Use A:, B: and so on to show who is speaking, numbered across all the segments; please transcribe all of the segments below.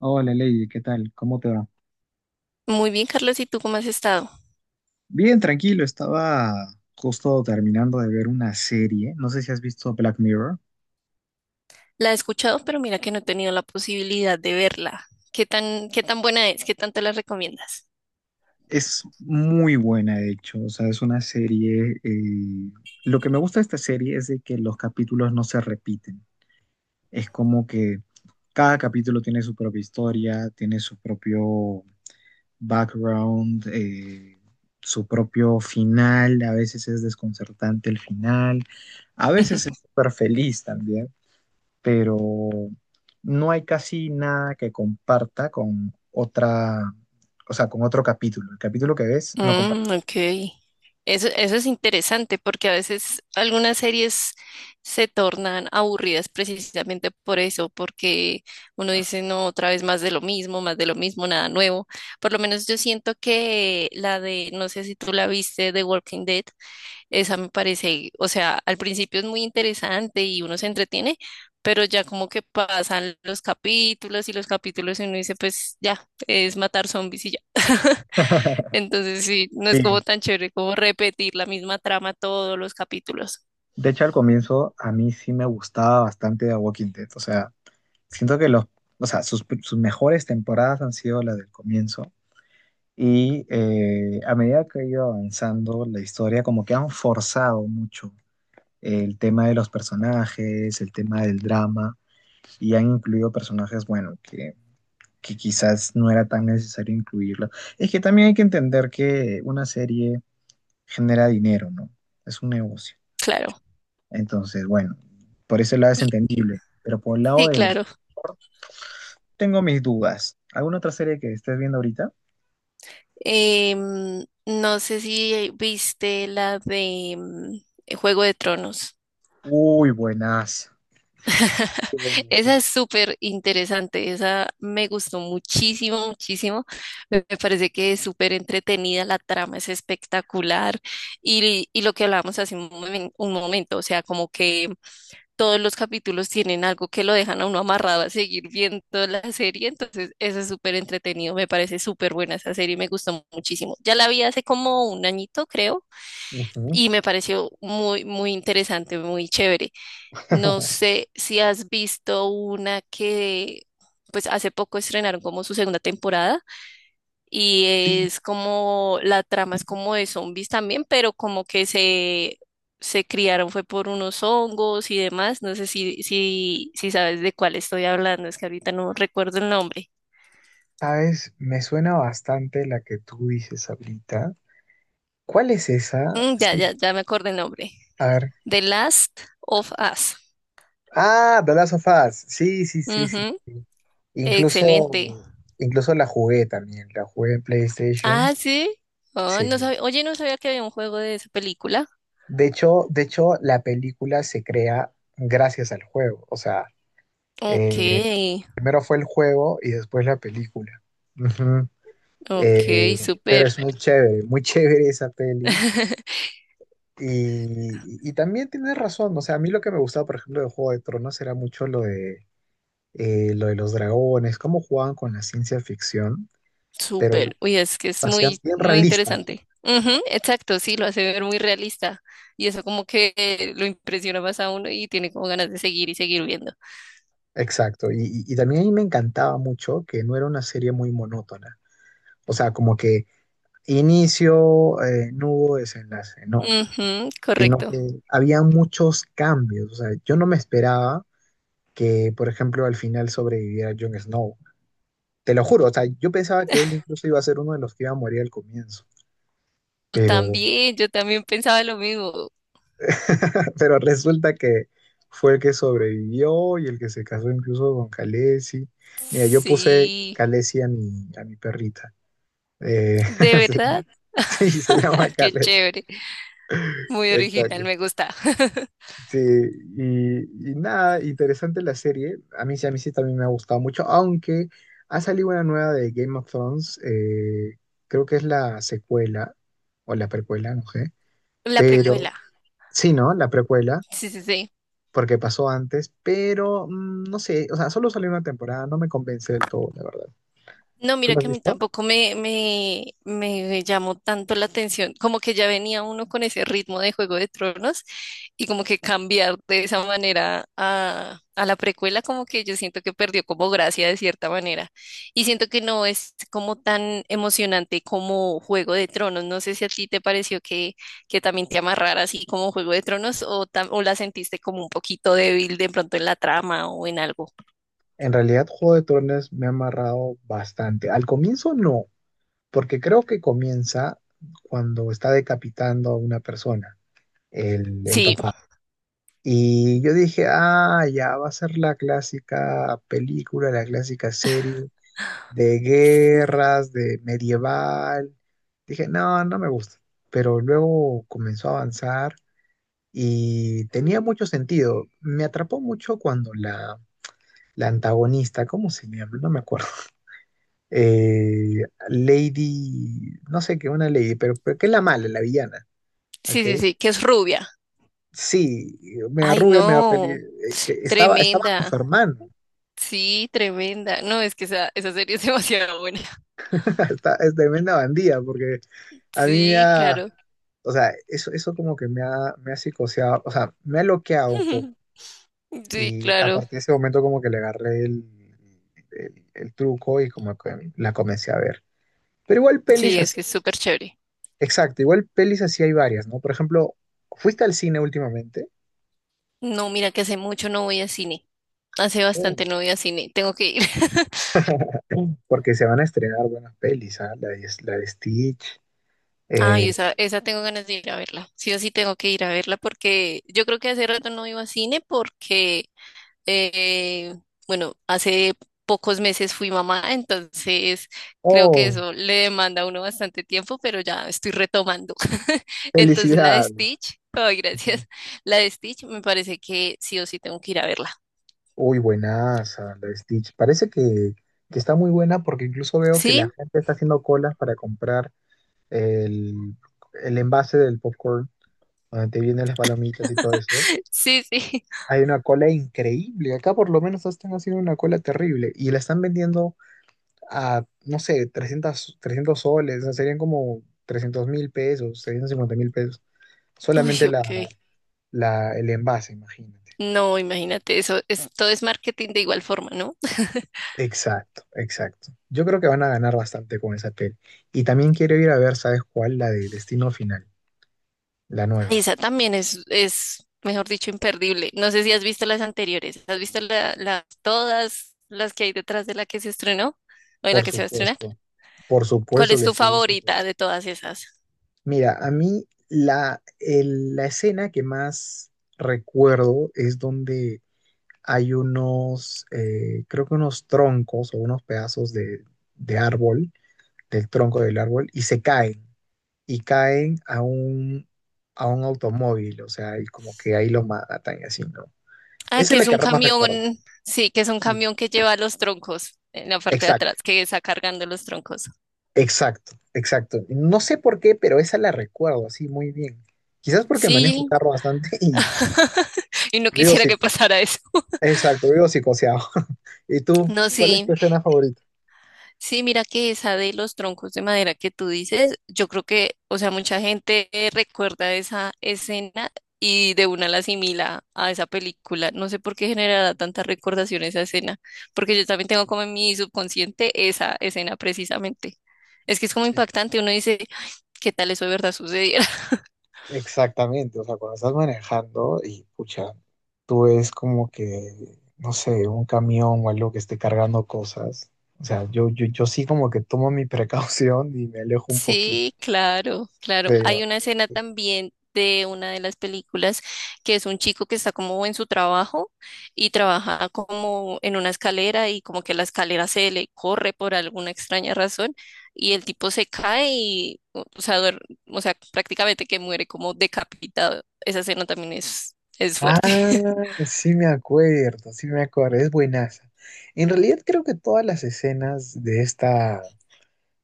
A: Hola Lady, ¿qué tal? ¿Cómo te va?
B: Muy bien, Carlos, ¿y tú cómo has estado?
A: Bien, tranquilo, estaba justo terminando de ver una serie, no sé si has visto Black Mirror.
B: La he escuchado, pero mira que no he tenido la posibilidad de verla. Qué tan buena es? ¿Qué tanto la recomiendas?
A: Es muy buena, de hecho. O sea, es una serie, lo que me gusta de esta serie es de que los capítulos no se repiten. Es como que cada capítulo tiene su propia historia, tiene su propio background, su propio final. A veces es desconcertante el final, a veces es súper feliz también. Pero no hay casi nada que comparta con otra, o sea, con otro capítulo. El capítulo que ves no comparte.
B: Mm, ok. Eso es interesante porque a veces algunas series se tornan aburridas precisamente por eso, porque uno dice, no, otra vez más de lo mismo, más de lo mismo, nada nuevo. Por lo menos yo siento que la de, no sé si tú la viste, The Walking Dead. Esa me parece, o sea, al principio es muy interesante y uno se entretiene, pero ya como que pasan los capítulos y uno dice, pues ya, es matar zombies y ya. Entonces sí, no es como
A: Sí.
B: tan chévere como repetir la misma trama todos los capítulos.
A: De hecho, al comienzo a mí sí me gustaba bastante The Walking Dead. O sea, siento que los, o sea, sus mejores temporadas han sido las del comienzo. Y a medida que ha ido avanzando la historia, como que han forzado mucho el tema de los personajes, el tema del drama, y han incluido personajes, bueno, que quizás no era tan necesario incluirlo. Es que también hay que entender que una serie genera dinero, ¿no? Es un negocio.
B: Claro.
A: Entonces, bueno, por ese lado es
B: Y-
A: entendible, pero por el lado.
B: sí, claro.
A: Tengo mis dudas. ¿Alguna otra serie que estés viendo ahorita?
B: Em, no sé si viste la de Juego de Tronos.
A: Uy, buenas.
B: Esa es súper interesante, esa me gustó muchísimo, muchísimo. Me parece que es súper entretenida, la trama es espectacular y lo que hablábamos hace un, un momento, o sea, como que todos los capítulos tienen algo que lo dejan a uno amarrado a seguir viendo la serie, entonces eso es súper entretenido, me parece súper buena esa serie, me gustó muchísimo. Ya la vi hace como un añito, creo,
A: Ujú.
B: y me pareció muy, muy interesante, muy chévere. No sé si has visto una que, pues hace poco estrenaron como su segunda temporada y
A: Sí,
B: es como, la trama es como de zombies también, pero como que se criaron fue por unos hongos y demás. No sé si, si sabes de cuál estoy hablando, es que ahorita no recuerdo el nombre.
A: sabes, me suena bastante la que tú dices ahorita. ¿Cuál es esa?
B: Mm,
A: Sí,
B: ya me acordé el nombre.
A: a ver.
B: The Last of Us.
A: Ah, The Last of Us. Sí, sí, sí, sí.
B: Ujú,
A: Incluso,
B: excelente.
A: incluso la jugué también, la jugué en PlayStation.
B: Ah, sí. Ah, no
A: Sí.
B: sabía, oye, no sabía que había un juego de esa película.
A: De hecho, la película se crea gracias al juego. O sea,
B: Ok,
A: eh, primero fue el juego y después la película. Ujú.
B: ok,
A: Pero
B: súper,
A: es muy chévere esa peli. Y también tienes razón. O sea, a mí lo que me gustaba, por ejemplo, de Juego de Tronos era mucho lo de los dragones, cómo jugaban con la ciencia ficción, pero lo
B: súper. Uy, es que es
A: hacían
B: muy,
A: bien
B: muy
A: realista.
B: interesante. Ujú, exacto, sí, lo hace ver muy realista. Y eso como que lo impresiona más a uno y tiene como ganas de seguir y seguir viendo.
A: Exacto, y también ahí me encantaba mucho que no era una serie muy monótona. O sea, como que inicio, no hubo desenlace, no,
B: Ujú,
A: sino
B: correcto.
A: que había muchos cambios. O sea, yo no me esperaba que, por ejemplo, al final sobreviviera Jon Snow, te lo juro. O sea, yo pensaba que él incluso iba a ser uno de los que iba a morir al comienzo, pero,
B: También, yo también pensaba lo mismo.
A: pero resulta que fue el que sobrevivió y el que se casó incluso con Khaleesi. Mira, yo puse
B: Sí,
A: Khaleesi a mi perrita. Eh,
B: de
A: se
B: verdad.
A: llama- sí, se llama
B: Qué
A: Khaled.
B: chévere. Muy
A: Exacto.
B: original, me gusta.
A: Sí, y nada, interesante la serie. A mí sí también me ha gustado mucho, aunque ha salido una nueva de Game of Thrones, creo que es la secuela o la precuela, no sé.
B: La
A: Pero
B: precuela.
A: sí, ¿no? La precuela,
B: Sí, sí, sí.
A: porque pasó antes, pero no sé, o sea, solo salió una temporada, no me convence del todo, la verdad.
B: No,
A: ¿Tú
B: mira
A: lo has
B: que a mí
A: visto?
B: tampoco me llamó tanto la atención, como que ya venía uno con ese ritmo de Juego de Tronos y como que cambiar de esa manera a la precuela, como que yo siento que perdió como gracia de cierta manera y siento que no es como tan emocionante como Juego de Tronos. No sé si a ti te pareció que también te amarrara así como Juego de Tronos o, o la sentiste como un poquito débil de pronto en la trama o en algo.
A: En realidad, Juego de Tronos me ha amarrado bastante. Al comienzo no, porque creo que comienza cuando está decapitando a una persona, el
B: Sí,
A: papá. Y yo dije, ah, ya va a ser la clásica película, la clásica serie de guerras, de medieval. Dije, no, no me gusta. Pero luego comenzó a avanzar y tenía mucho sentido. Me atrapó mucho cuando la antagonista, ¿cómo se llama? No me acuerdo. eh, Lady, no sé qué, una Lady, pero, que es la mala, la villana,
B: sí,
A: ¿ok?
B: sí, sí, que es rubia.
A: Sí, me
B: Ay,
A: arrugué, me apelé,
B: no,
A: que estaba con su
B: tremenda.
A: hermano,
B: Sí, tremenda. No, es que esa serie es demasiado buena.
A: es tremenda bandida, porque a mí me
B: Sí,
A: ha,
B: claro.
A: o sea, eso como que me ha psicoseado, o sea, me ha bloqueado un poco,
B: Sí,
A: y a
B: claro.
A: partir de ese momento como que le agarré el truco y como que la comencé a ver. Pero igual pelis
B: Sí, es
A: así,
B: que es súper chévere.
A: exacto, igual pelis así hay varias, ¿no? Por ejemplo, ¿fuiste al cine últimamente?
B: No, mira que hace mucho no voy a cine. Hace
A: Mm.
B: bastante no voy a cine. Tengo que ir.
A: Porque se van a estrenar buenas pelis, ¿ah? La de Stitch.
B: Ay,
A: eh,
B: esa tengo ganas de ir a verla. Sí o sí tengo que ir a verla porque yo creo que hace rato no iba a cine porque Eh, bueno, hace pocos meses fui mamá, entonces creo que
A: oh,
B: eso le demanda a uno bastante tiempo, pero ya estoy retomando. Entonces la de
A: felicidad.
B: Stitch, ay, gracias. La de Stitch me parece que sí o sí tengo que ir a verla.
A: Uy, buenaza, la de Stitch. Parece que está muy buena porque incluso veo que la
B: ¿Sí?
A: gente está haciendo colas para comprar el, el envase del popcorn, donde te vienen las palomitas y todo eso.
B: Sí, sí.
A: Hay una cola increíble. Acá por lo menos están haciendo una cola terrible y la están vendiendo a, no sé, 300, 300 soles, o sea, serían como 300.000 pesos, 350.000 pesos,
B: Uy,
A: solamente
B: ok.
A: el envase, imagínate.
B: No, imagínate, eso es, todo es marketing de igual forma, ¿no?
A: Exacto, exacto. Yo creo que van a ganar bastante con esa peli. Y también quiero ir a ver, ¿sabes cuál? La de Destino Final, la
B: Ay,
A: nueva.
B: esa también es, mejor dicho, imperdible. No sé si has visto las anteriores. ¿Has visto la, todas las que hay detrás de la que se estrenó o de la
A: Por
B: que se va a estrenar?
A: supuesto, por
B: ¿Cuál
A: supuesto
B: es
A: que
B: tu
A: sí.
B: favorita de todas esas?
A: Mira, a mí la escena que más recuerdo es donde hay unos, creo que unos troncos o unos pedazos de árbol, del tronco del árbol, y se caen, y caen a un automóvil, o sea, y como que ahí lo matan y así, ¿no?
B: Ah,
A: Esa
B: que
A: es la
B: es
A: que
B: un
A: más recuerdo.
B: camión, sí, que es un
A: Sí,
B: camión que lleva los troncos en la parte de atrás,
A: exacto,
B: que está cargando los troncos.
A: exacto, exacto. No sé por qué, pero esa la recuerdo así muy bien. Quizás porque manejo el
B: Sí,
A: carro bastante y
B: y no
A: vivo,
B: quisiera
A: psi-
B: que pasara eso.
A: exacto, vivo psicoseado. ¿Y tú,
B: No,
A: cuál es tu
B: sí,
A: escena favorita?
B: sí, mira que esa de los troncos de madera que tú dices, yo creo que, o sea, mucha gente recuerda esa escena y de una la asimila a esa película. No sé por qué generará tanta recordación esa escena, porque yo también tengo como en mi subconsciente esa escena precisamente. Es que es como impactante, uno dice, "Ay, ¿qué tal eso de verdad sucedió?
A: Exactamente, o sea, cuando estás manejando y pucha, tú ves como que, no sé, un camión o algo que esté cargando cosas. O sea, yo sí como que tomo mi precaución y me alejo un poquito.
B: Sí, claro, claro.
A: Pero,
B: Hay una escena también de una de las películas que es un chico que está como en su trabajo y trabaja como en una escalera y como que la escalera se le corre por alguna extraña razón y el tipo se cae y, o sea, o sea, prácticamente que muere como decapitado. Esa escena también es
A: ah,
B: fuerte,
A: sí me acuerdo, es buenaza. En realidad creo que todas las escenas de esta,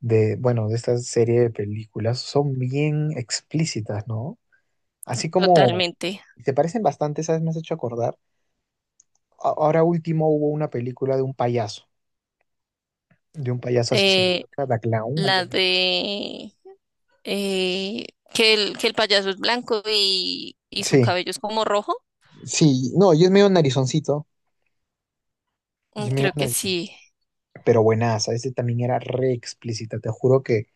A: de, bueno, de esta serie de películas son bien explícitas, ¿no? Así como
B: totalmente.
A: se parecen bastante, ¿sabes? Me has hecho acordar. Ahora último hubo una película de un payaso, asesino,
B: Eh,
A: creo que era The Clown, algo
B: la
A: así.
B: de eh, que el payaso es blanco y su
A: Sí,
B: cabello es como rojo.
A: sí, no, yo es medio narizoncito, yo
B: Mm,
A: es medio
B: creo que
A: narizón,
B: sí,
A: pero buenaza, ese también era re explícita, te juro que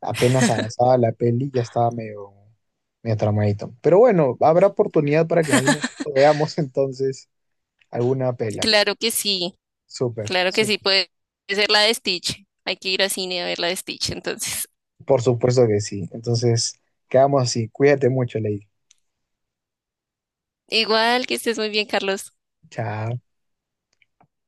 A: apenas avanzaba la peli ya estaba medio, medio tramadito. Pero bueno, habrá oportunidad para que en algún momento veamos entonces alguna pela.
B: claro que sí,
A: Súper,
B: claro que sí,
A: súper.
B: puede ser la de Stitch. Hay que ir al cine a ver la de Stitch, entonces.
A: Por supuesto que sí. Entonces, quedamos así. Cuídate mucho, Lady.
B: Igual que estés muy bien, Carlos.
A: Chao.